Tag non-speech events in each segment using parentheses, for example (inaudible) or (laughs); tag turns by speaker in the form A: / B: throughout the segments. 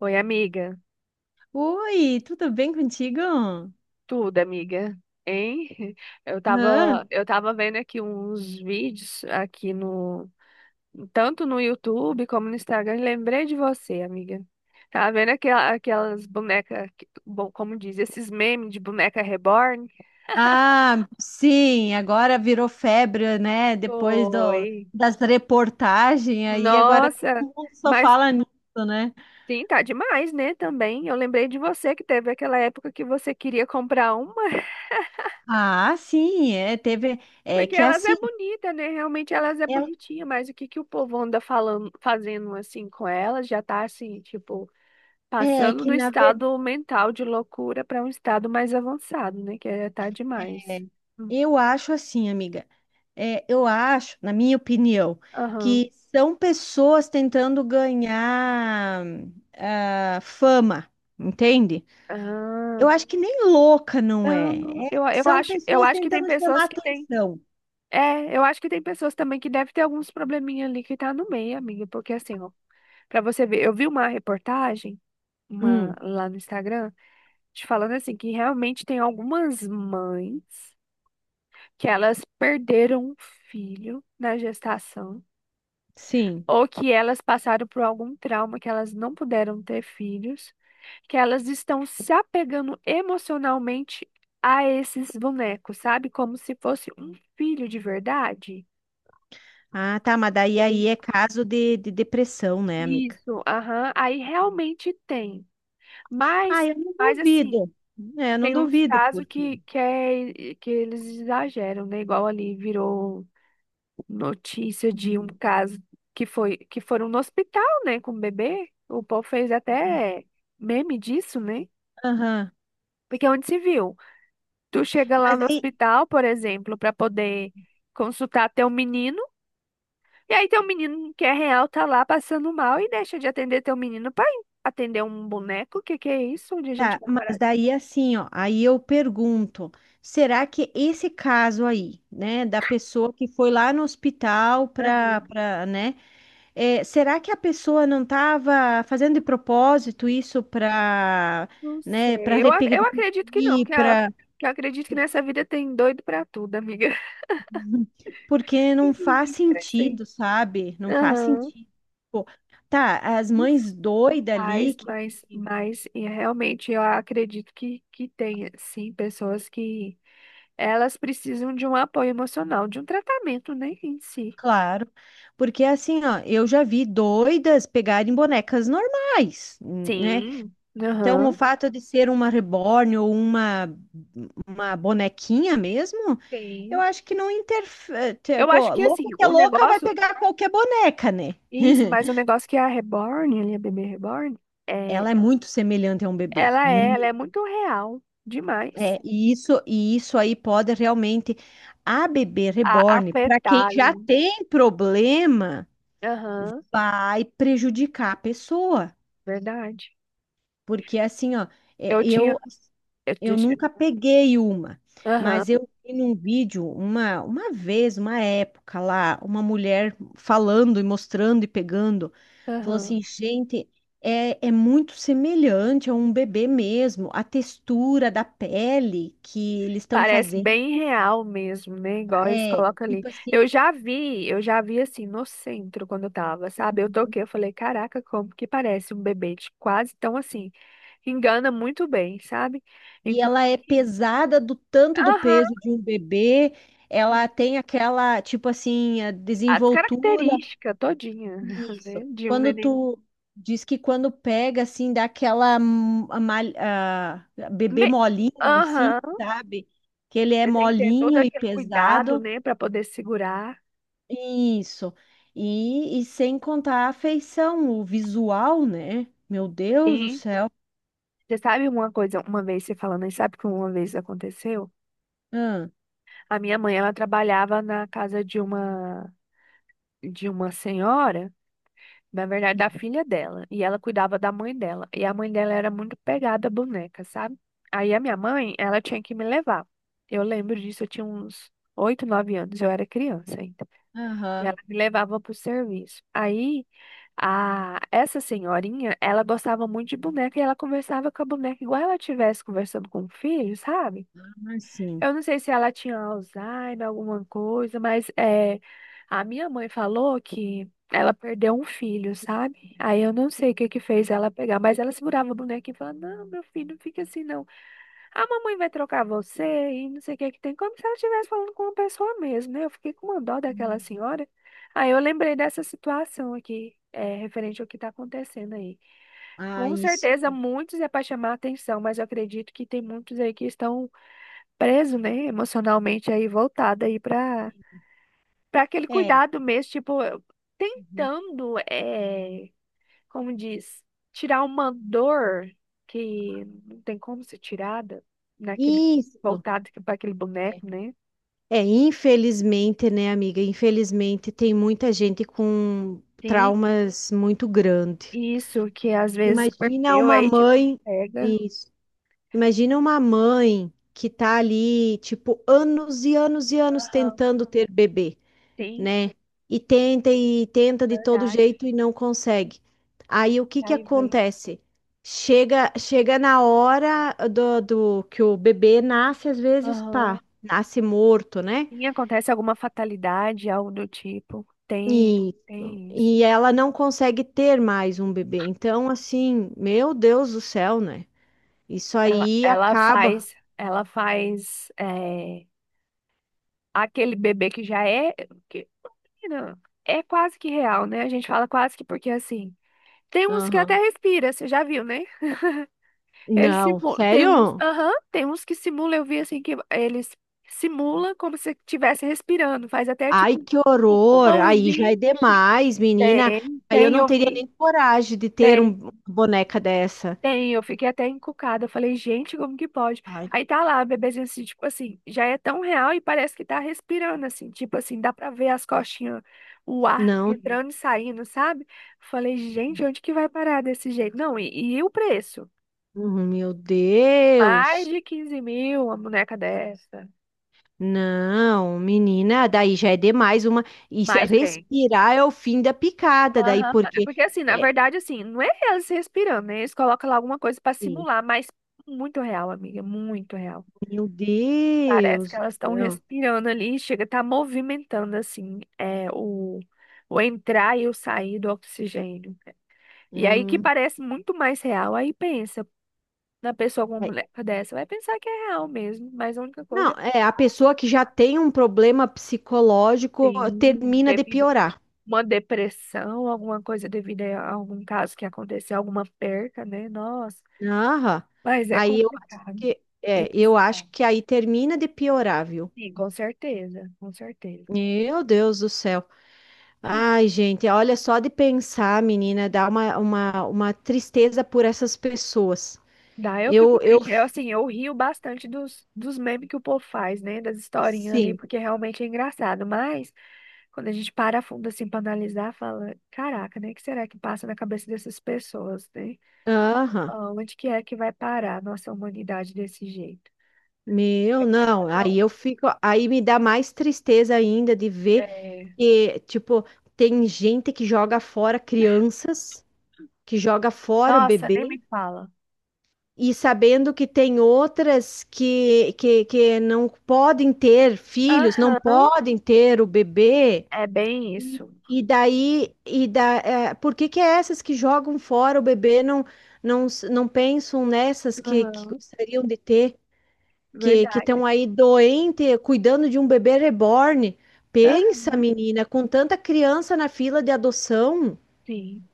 A: Oi, amiga.
B: Oi, tudo bem contigo? Aham.
A: Tudo, amiga. Hein? (laughs) Eu tava vendo aqui uns vídeos aqui no, tanto no YouTube como no Instagram, e lembrei de você, amiga. Tava vendo aquelas bonecas, bom, como diz, esses memes de boneca reborn?
B: Ah, sim, agora virou febre, né?
A: Oi.
B: Das reportagens aí, agora
A: Nossa,
B: todo mundo só
A: mas
B: fala nisso, né?
A: sim, tá demais, né, também. Eu lembrei de você que teve aquela época que você queria comprar uma.
B: Ah, sim, é, teve, é
A: Porque
B: que
A: elas é
B: assim,
A: bonita, né? Realmente elas é
B: é,
A: bonitinha, mas o que que o povo anda falando, fazendo assim com elas já tá assim, tipo,
B: é
A: passando
B: que
A: do
B: na verdade,
A: estado mental de loucura para um estado mais avançado, né? Que é tá demais. Hum.
B: eu acho assim, amiga, é, eu acho, na minha opinião,
A: Aham.
B: que são pessoas tentando ganhar ah, fama, entende?
A: Ah,
B: Eu acho que nem louca não é.
A: não,
B: É-
A: eu, eu
B: são
A: acho, eu
B: pessoas
A: acho que tem
B: tentando chamar
A: pessoas que tem.
B: atenção.
A: É, eu acho que tem pessoas também que devem ter alguns probleminha ali que tá no meio, amiga, porque assim, ó, para você ver, eu vi uma reportagem, uma
B: Hum,
A: lá no Instagram te falando assim, que realmente tem algumas mães que elas perderam um filho na gestação,
B: sim.
A: ou que elas passaram por algum trauma que elas não puderam ter filhos, que elas estão se apegando emocionalmente a esses bonecos, sabe? Como se fosse um filho de verdade.
B: Ah, tá, mas daí
A: E
B: aí
A: aí,
B: é caso de depressão, né, amiga?
A: isso, aham, aí realmente tem.
B: Ah,
A: Mas,
B: eu não
A: mas assim,
B: duvido. É, eu não
A: tem uns
B: duvido,
A: casos
B: porque.
A: que eles exageram, né? Igual ali virou notícia de um
B: Uhum.
A: caso que foram no hospital, né, com o bebê. O povo fez até meme disso, né?
B: Aham.
A: Porque é onde se viu. Tu chega lá
B: Mas
A: no
B: daí,
A: hospital, por exemplo, para poder consultar teu menino, e aí teu menino que é real tá lá passando mal e deixa de atender teu menino para atender um boneco. O que que é isso? Onde a gente
B: tá,
A: vai
B: mas
A: parar?
B: daí assim, ó, aí eu pergunto, será que esse caso aí, né, da pessoa que foi lá no hospital
A: Aham.
B: né, É, será que a pessoa não estava fazendo de propósito isso para,
A: Não
B: né, para
A: sei. Eu acredito que não,
B: repercutir,
A: que, a,
B: para
A: que eu acredito que nessa vida tem doido pra tudo, amiga. (laughs)
B: porque não faz
A: Inclusive, crescei.
B: sentido, sabe? Não faz
A: Aham.
B: sentido. Pô, tá, as mães doidas ali
A: Mas,
B: que,
A: mas,
B: que-
A: mas e realmente eu acredito que tem, sim, pessoas que elas precisam de um apoio emocional, de um tratamento, né, em si.
B: claro, porque assim, ó, eu já vi doidas pegarem bonecas normais, né?
A: Sim,
B: Então, o
A: aham,
B: fato de ser uma reborn ou uma bonequinha mesmo eu
A: sim.
B: acho que não interfere.
A: Eu acho
B: Tipo,
A: que, assim,
B: louca que é
A: o
B: louca vai
A: negócio,
B: pegar qualquer boneca, né? (laughs)
A: isso, mas o negócio que a Reborn, ali, a bebê Reborn, é,
B: Ela é muito semelhante a um bebê.
A: ela é, ela
B: Muito.
A: é muito real, demais.
B: É, e isso aí pode realmente. A bebê
A: A
B: reborn, para quem já
A: fetal,
B: tem problema,
A: aham,
B: vai prejudicar a pessoa.
A: verdade.
B: Porque assim, ó, é,
A: Eu tinha,
B: eu
A: eu,
B: Eu
A: deixa,
B: nunca peguei uma,
A: aham,
B: mas eu vi num vídeo uma vez, uma época lá, uma mulher falando e mostrando e pegando, falou
A: aham.
B: assim, gente, é, é muito semelhante a um bebê mesmo, a textura da pele que eles estão
A: Parece
B: fazendo,
A: bem real mesmo, né? Igual eles
B: é
A: colocam ali.
B: tipo
A: Eu
B: assim,
A: já vi, eu já vi assim no centro quando eu tava, sabe? Eu toquei, eu falei, caraca, como que parece um bebê de quase tão assim. Engana muito bem, sabe?
B: e ela é
A: Inclusive,
B: pesada do tanto do
A: aham,
B: peso de um bebê, ela
A: sim.
B: tem aquela, tipo assim, a
A: As
B: desenvoltura.
A: características todinha, (laughs) né?
B: Isso.
A: De um
B: Quando
A: neném.
B: tu diz que quando pega, assim, dá aquela bebê
A: Bem,
B: molinho, assim,
A: aham,
B: sabe? Que ele é
A: você tem que ter todo
B: molinho e
A: aquele cuidado,
B: pesado.
A: né? Pra poder segurar.
B: Isso. E sem contar a afeição o visual, né? Meu Deus do
A: E
B: céu.
A: você sabe uma coisa, uma vez você falando, e sabe que uma vez aconteceu?
B: Ah,
A: A minha mãe, ela trabalhava na casa de uma senhora, na verdade, da filha dela, e ela cuidava da mãe dela. E a mãe dela era muito pegada à boneca, sabe? Aí a minha mãe, ela tinha que me levar. Eu lembro disso, eu tinha uns 8, 9 anos, eu era criança ainda. E
B: aham.
A: ela me levava pro serviço. Aí a essa senhorinha, ela gostava muito de boneca e ela conversava com a boneca igual ela estivesse conversando com o filho, sabe?
B: Ah, sim.
A: Eu não sei se ela tinha Alzheimer, alguma coisa, mas a minha mãe falou que ela perdeu um filho, sabe? Aí eu não sei o que que fez ela pegar, mas ela segurava a boneca e falava, não, meu filho, não fica assim não. A mamãe vai trocar você e não sei o que que tem, como se ela estivesse falando com uma pessoa mesmo, né? Eu fiquei com uma dó daquela senhora. Aí eu lembrei dessa situação aqui, referente ao que está acontecendo aí.
B: Ah,
A: Com
B: isso.
A: certeza muitos é para chamar a atenção, mas eu acredito que tem muitos aí que estão preso, né, emocionalmente aí voltado aí para aquele
B: É.
A: cuidado mesmo, tipo,
B: Uhum.
A: tentando, como diz, tirar uma dor que não tem como ser tirada naquele
B: Isso.
A: voltado para aquele
B: É.
A: boneco, né?
B: É, infelizmente, né, amiga? Infelizmente, tem muita gente com
A: Sim,
B: traumas muito grandes.
A: isso que às vezes
B: Imagina
A: perdeu
B: uma
A: aí tipo
B: mãe,
A: pega.
B: isso. Imagina uma mãe que tá ali, tipo, anos e anos e anos
A: Aham.
B: tentando ter bebê,
A: Sim,
B: né? E tenta de todo
A: verdade.
B: jeito e não consegue. Aí o que que
A: Aí vem.
B: acontece? Chega, chega na hora do que o bebê nasce, às vezes,
A: Aham.
B: pá, nasce morto, né?
A: E acontece alguma fatalidade, algo do tipo. Tem,
B: Isso.
A: tem isso.
B: E ela não consegue ter mais um bebê. Então, assim, meu Deus do céu, né? Isso
A: Ela,
B: aí
A: ela
B: acaba.
A: faz, ela faz é aquele bebê que já é, que, não, é quase que real, né? A gente fala quase que porque assim, tem uns que até
B: Aham.
A: respira, você já viu, né? Eles
B: Não,
A: simulam, tem uns,
B: sério?
A: aham, tem uns que simulam eu vi assim que eles simulam como se estivesse respirando, faz até
B: Ai,
A: tipo
B: que
A: o
B: horror! Aí já é
A: pulmãozinho.
B: demais, menina.
A: Tem,
B: Aí eu
A: tem,
B: não
A: eu
B: teria nem
A: vi.
B: coragem de ter uma boneca dessa.
A: Tem, eu fiquei até encucada. Eu falei, gente, como que pode?
B: Ai,
A: Aí tá lá, a bebezinha assim, tipo assim, já é tão real e parece que tá respirando, assim, tipo assim, dá pra ver as costinhas, o ar
B: não,
A: entrando e saindo, sabe? Falei, gente, onde que vai parar desse jeito? Não, e o preço?
B: uhum, meu
A: Mais
B: Deus.
A: de 15 mil uma boneca dessa.
B: Não, menina, daí já é demais uma. Isso,
A: Mas tem.
B: respirar é o fim da picada, daí
A: Aham.
B: porque.
A: Porque assim, na
B: É,
A: verdade, assim, não é eles respirando, né? Eles colocam lá alguma coisa pra
B: sim.
A: simular, mas muito real, amiga, muito real.
B: Meu
A: Parece que
B: Deus.
A: elas estão
B: Não,
A: respirando ali, chega, tá movimentando assim, o entrar e o sair do oxigênio. E aí que
B: hum,
A: parece muito mais real, aí pensa, na pessoa com uma
B: vai-
A: mulher dessa, vai pensar que é real mesmo, mas a única
B: não,
A: coisa
B: é a pessoa que já tem um problema psicológico
A: tem
B: termina de
A: devido a
B: piorar.
A: uma depressão, alguma coisa devido a algum caso que aconteceu, alguma perca, né? Nossa,
B: Aham.
A: mas é
B: Aí eu acho
A: complicado
B: que é,
A: esses
B: eu acho
A: casos.
B: que aí termina de piorar, viu?
A: Sim, com certeza, com certeza.
B: Meu Deus do céu. Ai, gente, olha só de pensar, menina, dá uma tristeza por essas pessoas.
A: Daí eu fico
B: Eu,
A: triste. Eu, assim, eu rio bastante dos memes que o povo faz, né? Das historinhas ali,
B: sim,
A: porque realmente é engraçado. Mas, quando a gente para a fundo, assim, pra analisar, fala: caraca, né? O que será que passa na cabeça dessas pessoas, né?
B: aham,
A: Ah, onde que é que vai parar a nossa humanidade desse jeito?
B: meu,
A: É,
B: não,
A: cada um.
B: aí eu fico, aí me dá mais tristeza ainda de ver.
A: É.
B: E, tipo, tem gente que joga fora crianças, que joga fora o
A: Nossa, nem
B: bebê,
A: me fala.
B: e sabendo que tem outras que não podem ter filhos, não
A: Aham,
B: podem ter o bebê.
A: é bem isso.
B: E daí, e da, é, por que que é essas que jogam fora o bebê não, não, não pensam nessas que
A: Aham,
B: gostariam de ter? Que
A: verdade.
B: estão aí doente, cuidando de um bebê reborn.
A: Aham,
B: Pensa, menina, com tanta criança na fila de adoção,
A: sim,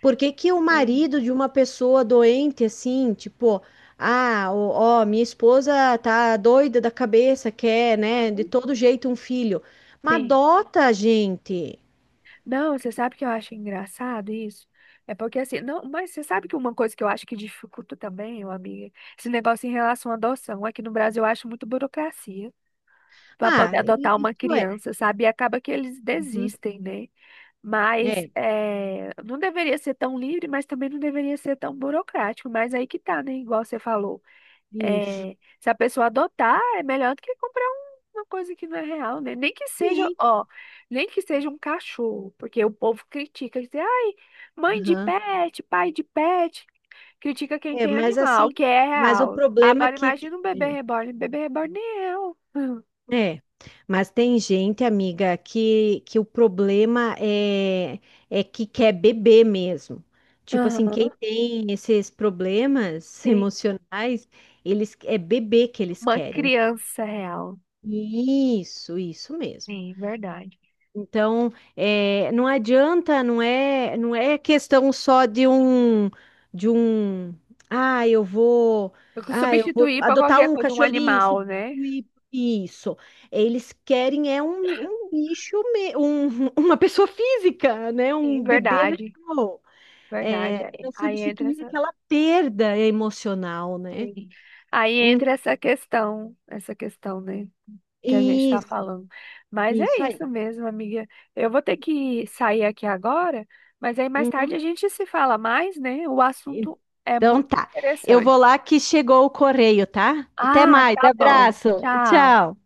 B: por que que o
A: bem.
B: marido de uma pessoa doente assim, tipo, ah, ó, ó, minha esposa tá doida da cabeça, quer, né, de
A: Aham.
B: todo jeito um filho. Mas
A: Sim.
B: adota, gente.
A: Não, você sabe que eu acho engraçado isso? É porque assim, não, mas você sabe que uma coisa que eu acho que dificulta também, ô amiga, esse negócio em relação à adoção, aqui no Brasil eu acho muito burocracia para poder
B: Ah,
A: adotar uma
B: isso é.
A: criança, sabe? E acaba que eles
B: Uhum.
A: desistem, né? Mas
B: É,
A: é, não deveria ser tão livre, mas também não deveria ser tão burocrático, mas aí que tá, né? Igual você falou.
B: isso.
A: É, se a pessoa adotar, é melhor do que comprar uma coisa que não é real, né? Nem que seja,
B: Sim.
A: ó, nem que seja um cachorro, porque o povo critica, diz, ai, mãe de
B: Aham.
A: pet, pai de pet, critica quem
B: É,
A: tem
B: mas
A: animal,
B: assim,
A: que é
B: mas o
A: real.
B: problema é
A: Agora
B: que
A: imagina um bebê reborn nem é real. (laughs)
B: é, mas tem gente, amiga, que o problema é, é que quer beber mesmo. Tipo assim,
A: Aham,
B: quem tem esses problemas (laughs)
A: sim.
B: emocionais, eles é beber que eles
A: Uma
B: querem.
A: criança real.
B: Isso mesmo.
A: Sim, verdade.
B: Então, eh, não adianta, não é, não é questão só de um, ah, eu vou,
A: Porque
B: ah, eu vou
A: substituir para
B: adotar
A: qualquer
B: um
A: coisa um
B: cachorrinho,
A: animal, né?
B: substituir por isso. Eles querem é um, um bicho, (laughs) uma pessoa física, né?
A: Sim,
B: Um bebê
A: verdade.
B: real,
A: Verdade.
B: é,
A: Aí,
B: para
A: aí entra
B: substituir
A: essa.
B: aquela perda emocional, né?
A: Sim. Aí
B: Hum,
A: entra essa questão, né, que a gente está
B: isso,
A: falando. Mas é
B: isso aí.
A: isso mesmo, amiga. Eu vou ter que sair aqui agora, mas aí mais tarde a
B: Uhum.
A: gente se fala mais, né? O assunto é
B: Então
A: muito
B: tá. Eu vou
A: interessante.
B: lá que chegou o correio, tá? Até
A: Ah,
B: mais.
A: tá bom.
B: Abraço.
A: Tchau.
B: Tchau.